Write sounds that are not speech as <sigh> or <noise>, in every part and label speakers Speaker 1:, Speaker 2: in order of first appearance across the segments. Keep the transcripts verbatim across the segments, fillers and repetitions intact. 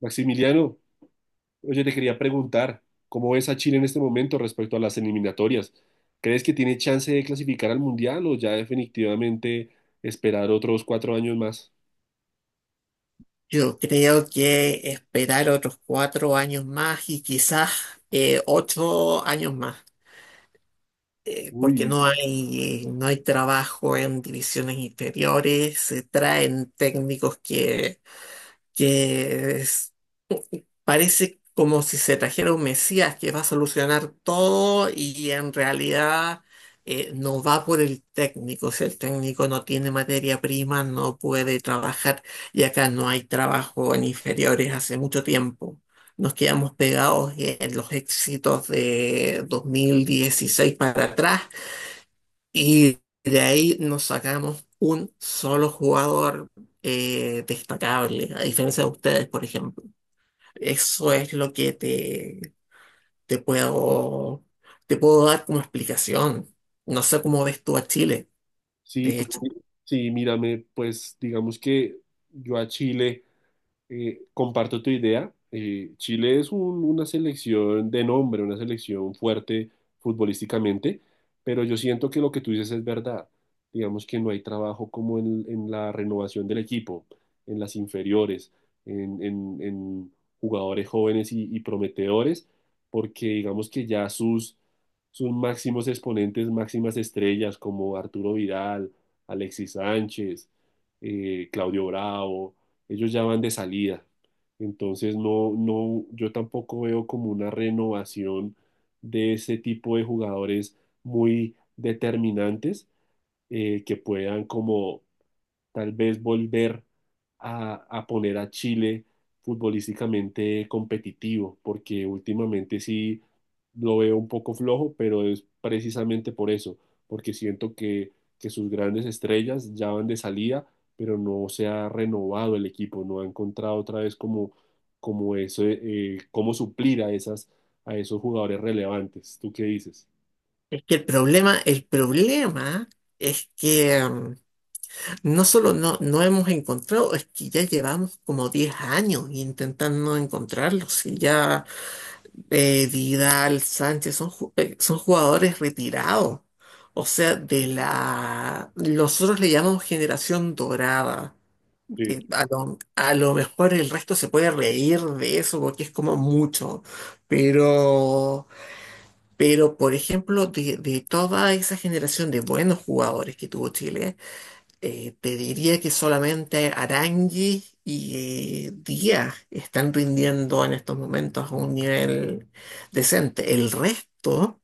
Speaker 1: Maximiliano, oye, te quería preguntar, ¿cómo ves a Chile en este momento respecto a las eliminatorias? ¿Crees que tiene chance de clasificar al Mundial o ya definitivamente esperar otros cuatro años más?
Speaker 2: Yo creo que esperar otros cuatro años más y quizás eh, ocho años más, eh, porque
Speaker 1: Uy,
Speaker 2: no hay, no hay trabajo en divisiones inferiores, se traen técnicos que, que parece como si se trajera un Mesías que va a solucionar todo y en realidad, eh, no va por el técnico. Si el técnico no tiene materia prima, no puede trabajar y acá no hay trabajo en inferiores hace mucho tiempo. Nos quedamos pegados en los éxitos de dos mil dieciséis para atrás y de ahí nos sacamos un solo jugador eh, destacable, a diferencia de ustedes, por ejemplo. Eso es lo que te, te puedo, te puedo dar como explicación. No sé cómo ves tú a Chile,
Speaker 1: sí,
Speaker 2: de
Speaker 1: pues,
Speaker 2: hecho.
Speaker 1: sí, mírame, pues digamos que yo a Chile... Eh, comparto tu idea. Eh, Chile es un- una selección de nombre, una selección fuerte futbolísticamente, pero yo siento que lo que tú dices es verdad. Digamos que no hay trabajo como en, en la renovación del equipo, en las inferiores, en, en- en jugadores jóvenes y, y prometedores, porque digamos que ya sus, sus máximos exponentes, máximas estrellas como Arturo Vidal, Alexis Sánchez, eh, Claudio Bravo ellos ya van de salida. Entonces no, no, yo tampoco veo como una renovación de ese tipo de jugadores muy determinantes, eh, que puedan como tal vez volver a, a poner a Chile futbolísticamente competitivo, porque últimamente sí lo veo un poco flojo, pero es precisamente por eso, porque siento que, que sus grandes estrellas ya van de salida, pero no se ha renovado el equipo, no ha encontrado otra vez como, como eso, eh, cómo suplir a esas, a esos jugadores relevantes. ¿Tú qué dices?
Speaker 2: Es que el problema, el problema es que mm, no solo no, no hemos encontrado, es que ya llevamos como diez años intentando encontrarlos. Y ya, eh, Vidal, Sánchez son, ju- eh, son jugadores retirados. O sea, de la... Nosotros le llamamos generación dorada. Sí, a lo, a lo mejor el resto se puede reír de eso porque es como mucho, pero, pero por ejemplo, de, de toda esa generación de buenos jugadores que tuvo Chile, eh, te diría que solamente Arangui y eh, Díaz están rindiendo en estos momentos a un nivel decente. El resto,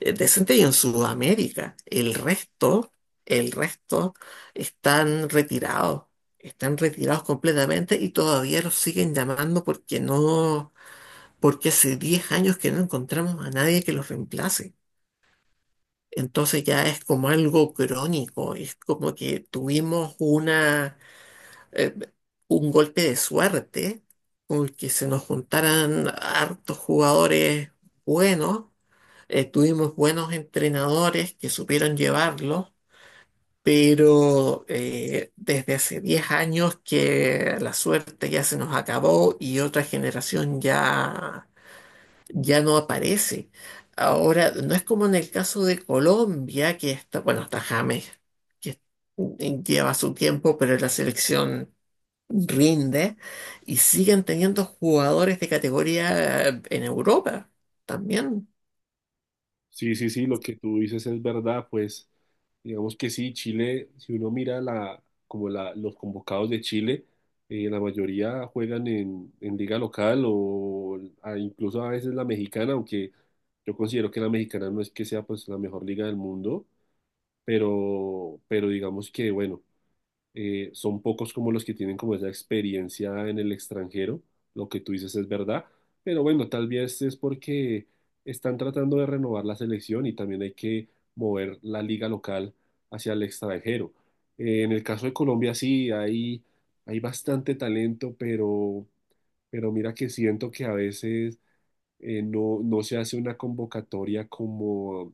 Speaker 2: eh, decente y en Sudamérica. El resto, el resto están retirados, están retirados completamente y todavía los siguen llamando porque no, porque hace diez años que no encontramos a nadie que los reemplace. Entonces ya es como algo crónico, es como que tuvimos una, eh, un golpe de suerte con que se nos juntaran hartos jugadores buenos. Eh, tuvimos buenos entrenadores que supieron llevarlo, pero eh, desde hace diez años que la suerte ya se nos acabó y otra generación ya, ya no aparece. Ahora, no es como en el caso de Colombia, que está, bueno, está James, que lleva su tiempo, pero la selección rinde y siguen teniendo jugadores de categoría, eh, en Europa también.
Speaker 1: Sí, sí, sí, lo que tú dices es verdad, pues digamos que sí, Chile, si uno mira la, como la, los convocados de Chile, eh, la mayoría juegan en, en liga local o a- incluso a veces la mexicana, aunque yo considero que la mexicana no es que sea pues la mejor liga del mundo, pero, pero digamos que bueno, eh, son pocos como los que tienen como esa experiencia en el extranjero. Lo que tú dices es verdad, pero bueno, tal vez es porque están tratando de renovar la selección y también hay que mover la liga local hacia el extranjero. Eh, en el caso de Colombia sí, hay, hay bastante talento, pero, pero mira que siento que a veces, eh, no, no se hace una convocatoria como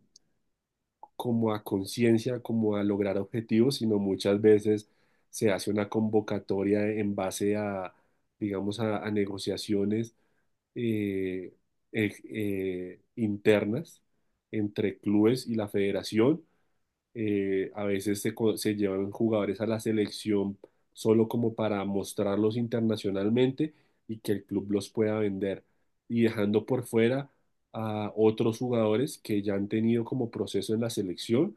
Speaker 1: como a conciencia, como a lograr objetivos, sino muchas veces se hace una convocatoria en base a, digamos, a, a negociaciones eh, eh, eh, internas entre clubes y la federación. Eh, a veces se, co- se llevan jugadores a la selección solo como para mostrarlos internacionalmente y que el club los pueda vender, y dejando por fuera a otros jugadores que ya han tenido como proceso en la selección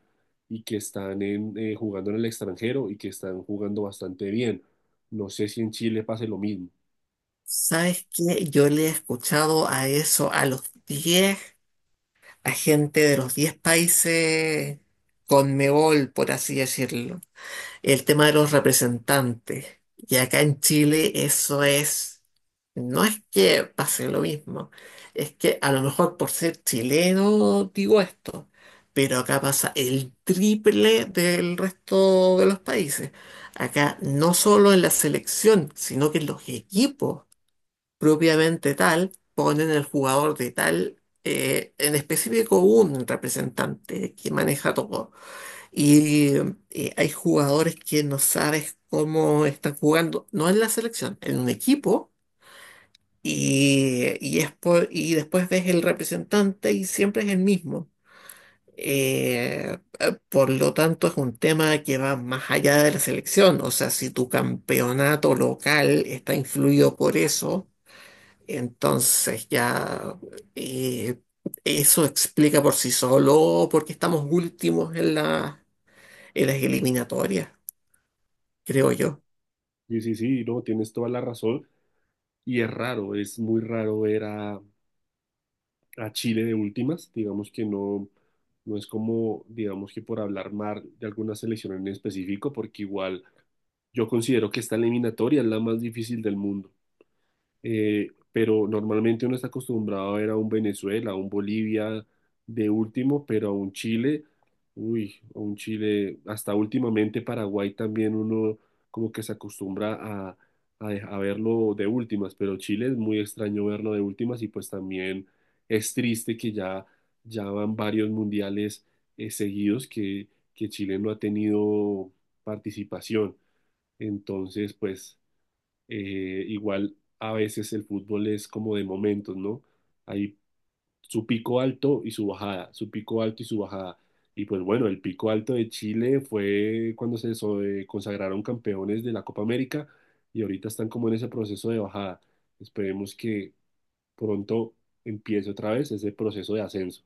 Speaker 1: y que están en, eh, jugando en el extranjero y que están jugando bastante bien. No sé si en Chile pase lo mismo.
Speaker 2: ¿Sabes qué? Yo le he escuchado a eso a los diez a gente de los diez países Conmebol, por así decirlo. El tema de los representantes. Y acá en Chile eso es, no es que pase lo mismo, es que a lo mejor por ser chileno digo esto, pero acá pasa el triple del resto de los países. Acá no solo en la selección, sino que en los equipos propiamente tal, ponen el jugador de tal, eh, en específico un representante que maneja todo. Y, eh, hay jugadores que no sabes cómo están jugando, no en la selección, en un equipo, y, y, es por- y después ves el representante y siempre es el mismo. Eh, eh, por lo tanto, es un tema que va más allá de la selección. O sea, si tu campeonato local está influido por eso, entonces ya, eh, eso explica por sí solo por qué estamos últimos en la, en las eliminatorias, creo yo.
Speaker 1: Sí, sí, sí, no, tienes toda la razón. Y es raro, es muy raro ver a, a Chile de últimas, digamos que no, no es como, digamos que por hablar mal de alguna selección en específico, porque igual yo considero que esta eliminatoria es la más difícil del mundo. Eh, pero normalmente uno está acostumbrado a ver a un Venezuela, a un Bolivia de último, pero a un Chile, uy, a un Chile, hasta últimamente Paraguay también uno como que se acostumbra a, a, de- a verlo de últimas, pero Chile es muy extraño verlo de últimas y pues también es triste que ya, ya van varios mundiales, eh, seguidos que, que Chile no ha tenido participación. Entonces, pues... Eh, igual a veces el fútbol es como de momentos, ¿no? Hay su pico alto y su bajada, su pico alto y su bajada. Y pues bueno, el pico alto de Chile fue cuando se so- eh, consagraron campeones de la Copa América y ahorita están como en ese proceso de bajada. Esperemos que pronto empiece otra vez ese proceso de ascenso.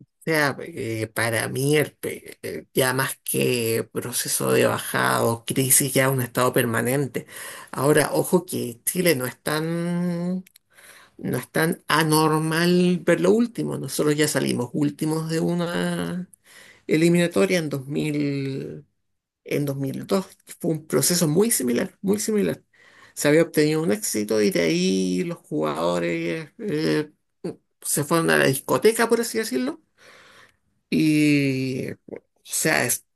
Speaker 2: O sea, eh, para mí el pe- eh, ya más que proceso de bajada o crisis, ya un estado permanente. Ahora, ojo que Chile no es tan, no es tan anormal ver lo último. Nosotros ya salimos últimos de una eliminatoria en dos mil en dos mil dos. Fue un proceso muy similar, muy similar. Se había obtenido un éxito y de ahí los jugadores, eh, mm, se fueron a la discoteca, por así decirlo, y, o sea, es-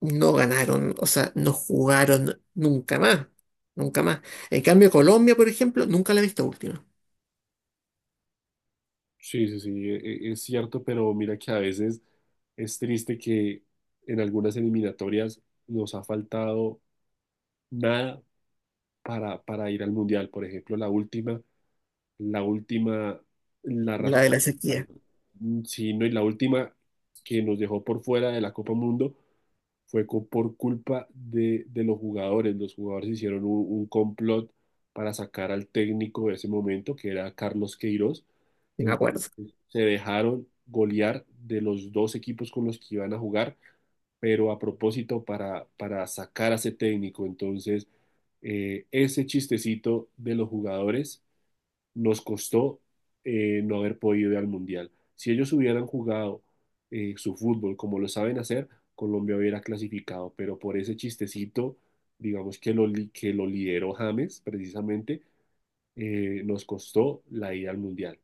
Speaker 2: no ganaron, o sea, no jugaron nunca más, nunca más. En cambio, Colombia, por ejemplo, nunca la he visto última,
Speaker 1: Sí, sí, sí, e- e- es cierto, pero mira que a veces es triste que en algunas eliminatorias nos ha faltado nada para, para ir al mundial. Por ejemplo, la última, la última, la
Speaker 2: la
Speaker 1: razón,
Speaker 2: de la
Speaker 1: al-
Speaker 2: sequía,
Speaker 1: sí, no, y la última que nos dejó por fuera de la Copa Mundo fue co- por culpa de, de los jugadores. Los jugadores hicieron un, un complot para sacar al técnico de ese momento, que era Carlos Queiroz.
Speaker 2: sí me acuerdo.
Speaker 1: Se dejaron golear de los dos equipos con los que iban a jugar, pero a propósito para, para sacar a ese técnico. Entonces, eh, ese chistecito de los jugadores nos costó, eh, no haber podido ir al Mundial. Si ellos hubieran jugado eh, su fútbol como lo saben hacer, Colombia hubiera clasificado, pero por ese chistecito, digamos que lo, li- que lo lideró James precisamente, eh, nos costó la ida al Mundial.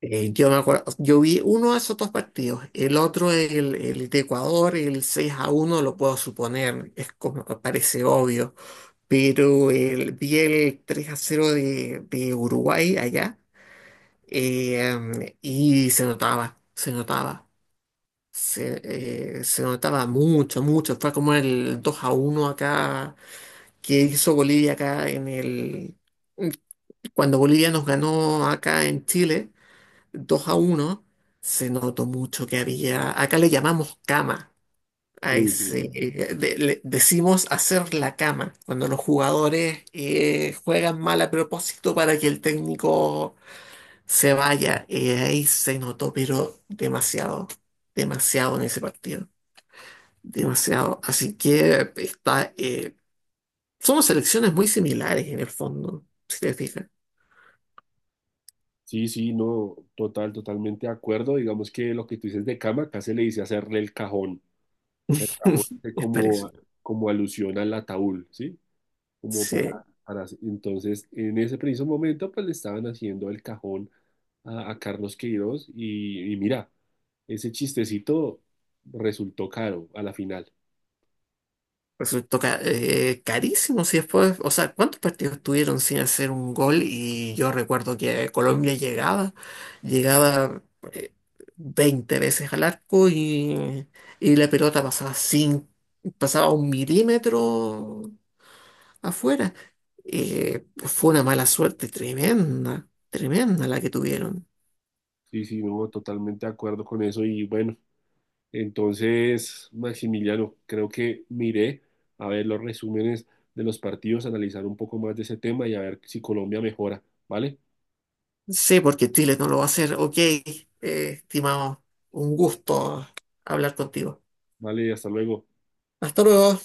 Speaker 2: Eh, yo me acuerdo, yo vi uno de esos dos partidos, el otro, el, el de Ecuador, el seis a uno lo puedo suponer, es como, parece obvio, pero el, vi el tres a cero de, de Uruguay allá. Eh, y se notaba, se notaba, se, eh, se notaba mucho, mucho, fue como el dos a uno acá que hizo Bolivia acá en el, cuando Bolivia nos ganó acá en Chile dos a uno. Se notó mucho que había, acá le llamamos cama, a
Speaker 1: Sí, sí,
Speaker 2: ese,
Speaker 1: sí.
Speaker 2: eh, de- le- decimos hacer la cama, cuando los jugadores, eh, juegan mal a propósito para que el técnico se vaya. Eh, ahí se notó, pero demasiado, demasiado en ese partido, demasiado. Así que está, eh, somos selecciones muy similares en el fondo, si te fijas.
Speaker 1: Sí, sí, no, total, totalmente de acuerdo. Digamos que lo que tú dices de cama, acá se le dice hacerle el cajón. El cajón
Speaker 2: <laughs>
Speaker 1: hace
Speaker 2: Es
Speaker 1: como,
Speaker 2: parecido.
Speaker 1: como alusión al ataúd, ¿sí? Como para,
Speaker 2: Sí.
Speaker 1: para... Entonces, en ese preciso momento, pues le estaban haciendo el cajón a, a Carlos Queiroz y, y mira, ese chistecito resultó caro a la final.
Speaker 2: Resultó ca- eh, carísimo. Si después, o sea, ¿cuántos partidos tuvieron sin hacer un gol? Y yo recuerdo que Colombia llegaba, llegaba, eh, veinte veces al arco y, y la pelota pasaba sin, pasaba un milímetro afuera. Eh, fue una mala suerte tremenda, tremenda la que tuvieron.
Speaker 1: Sí, sí, no, totalmente de acuerdo con eso. Y bueno, entonces, Maximiliano, creo que miré a ver los resúmenes de los partidos, analizar un poco más de ese tema y a ver si Colombia mejora. ¿Vale?
Speaker 2: Sí, porque Chile no lo va a hacer. Ok, eh, estimado, un gusto hablar contigo.
Speaker 1: Vale, hasta luego.
Speaker 2: Hasta luego.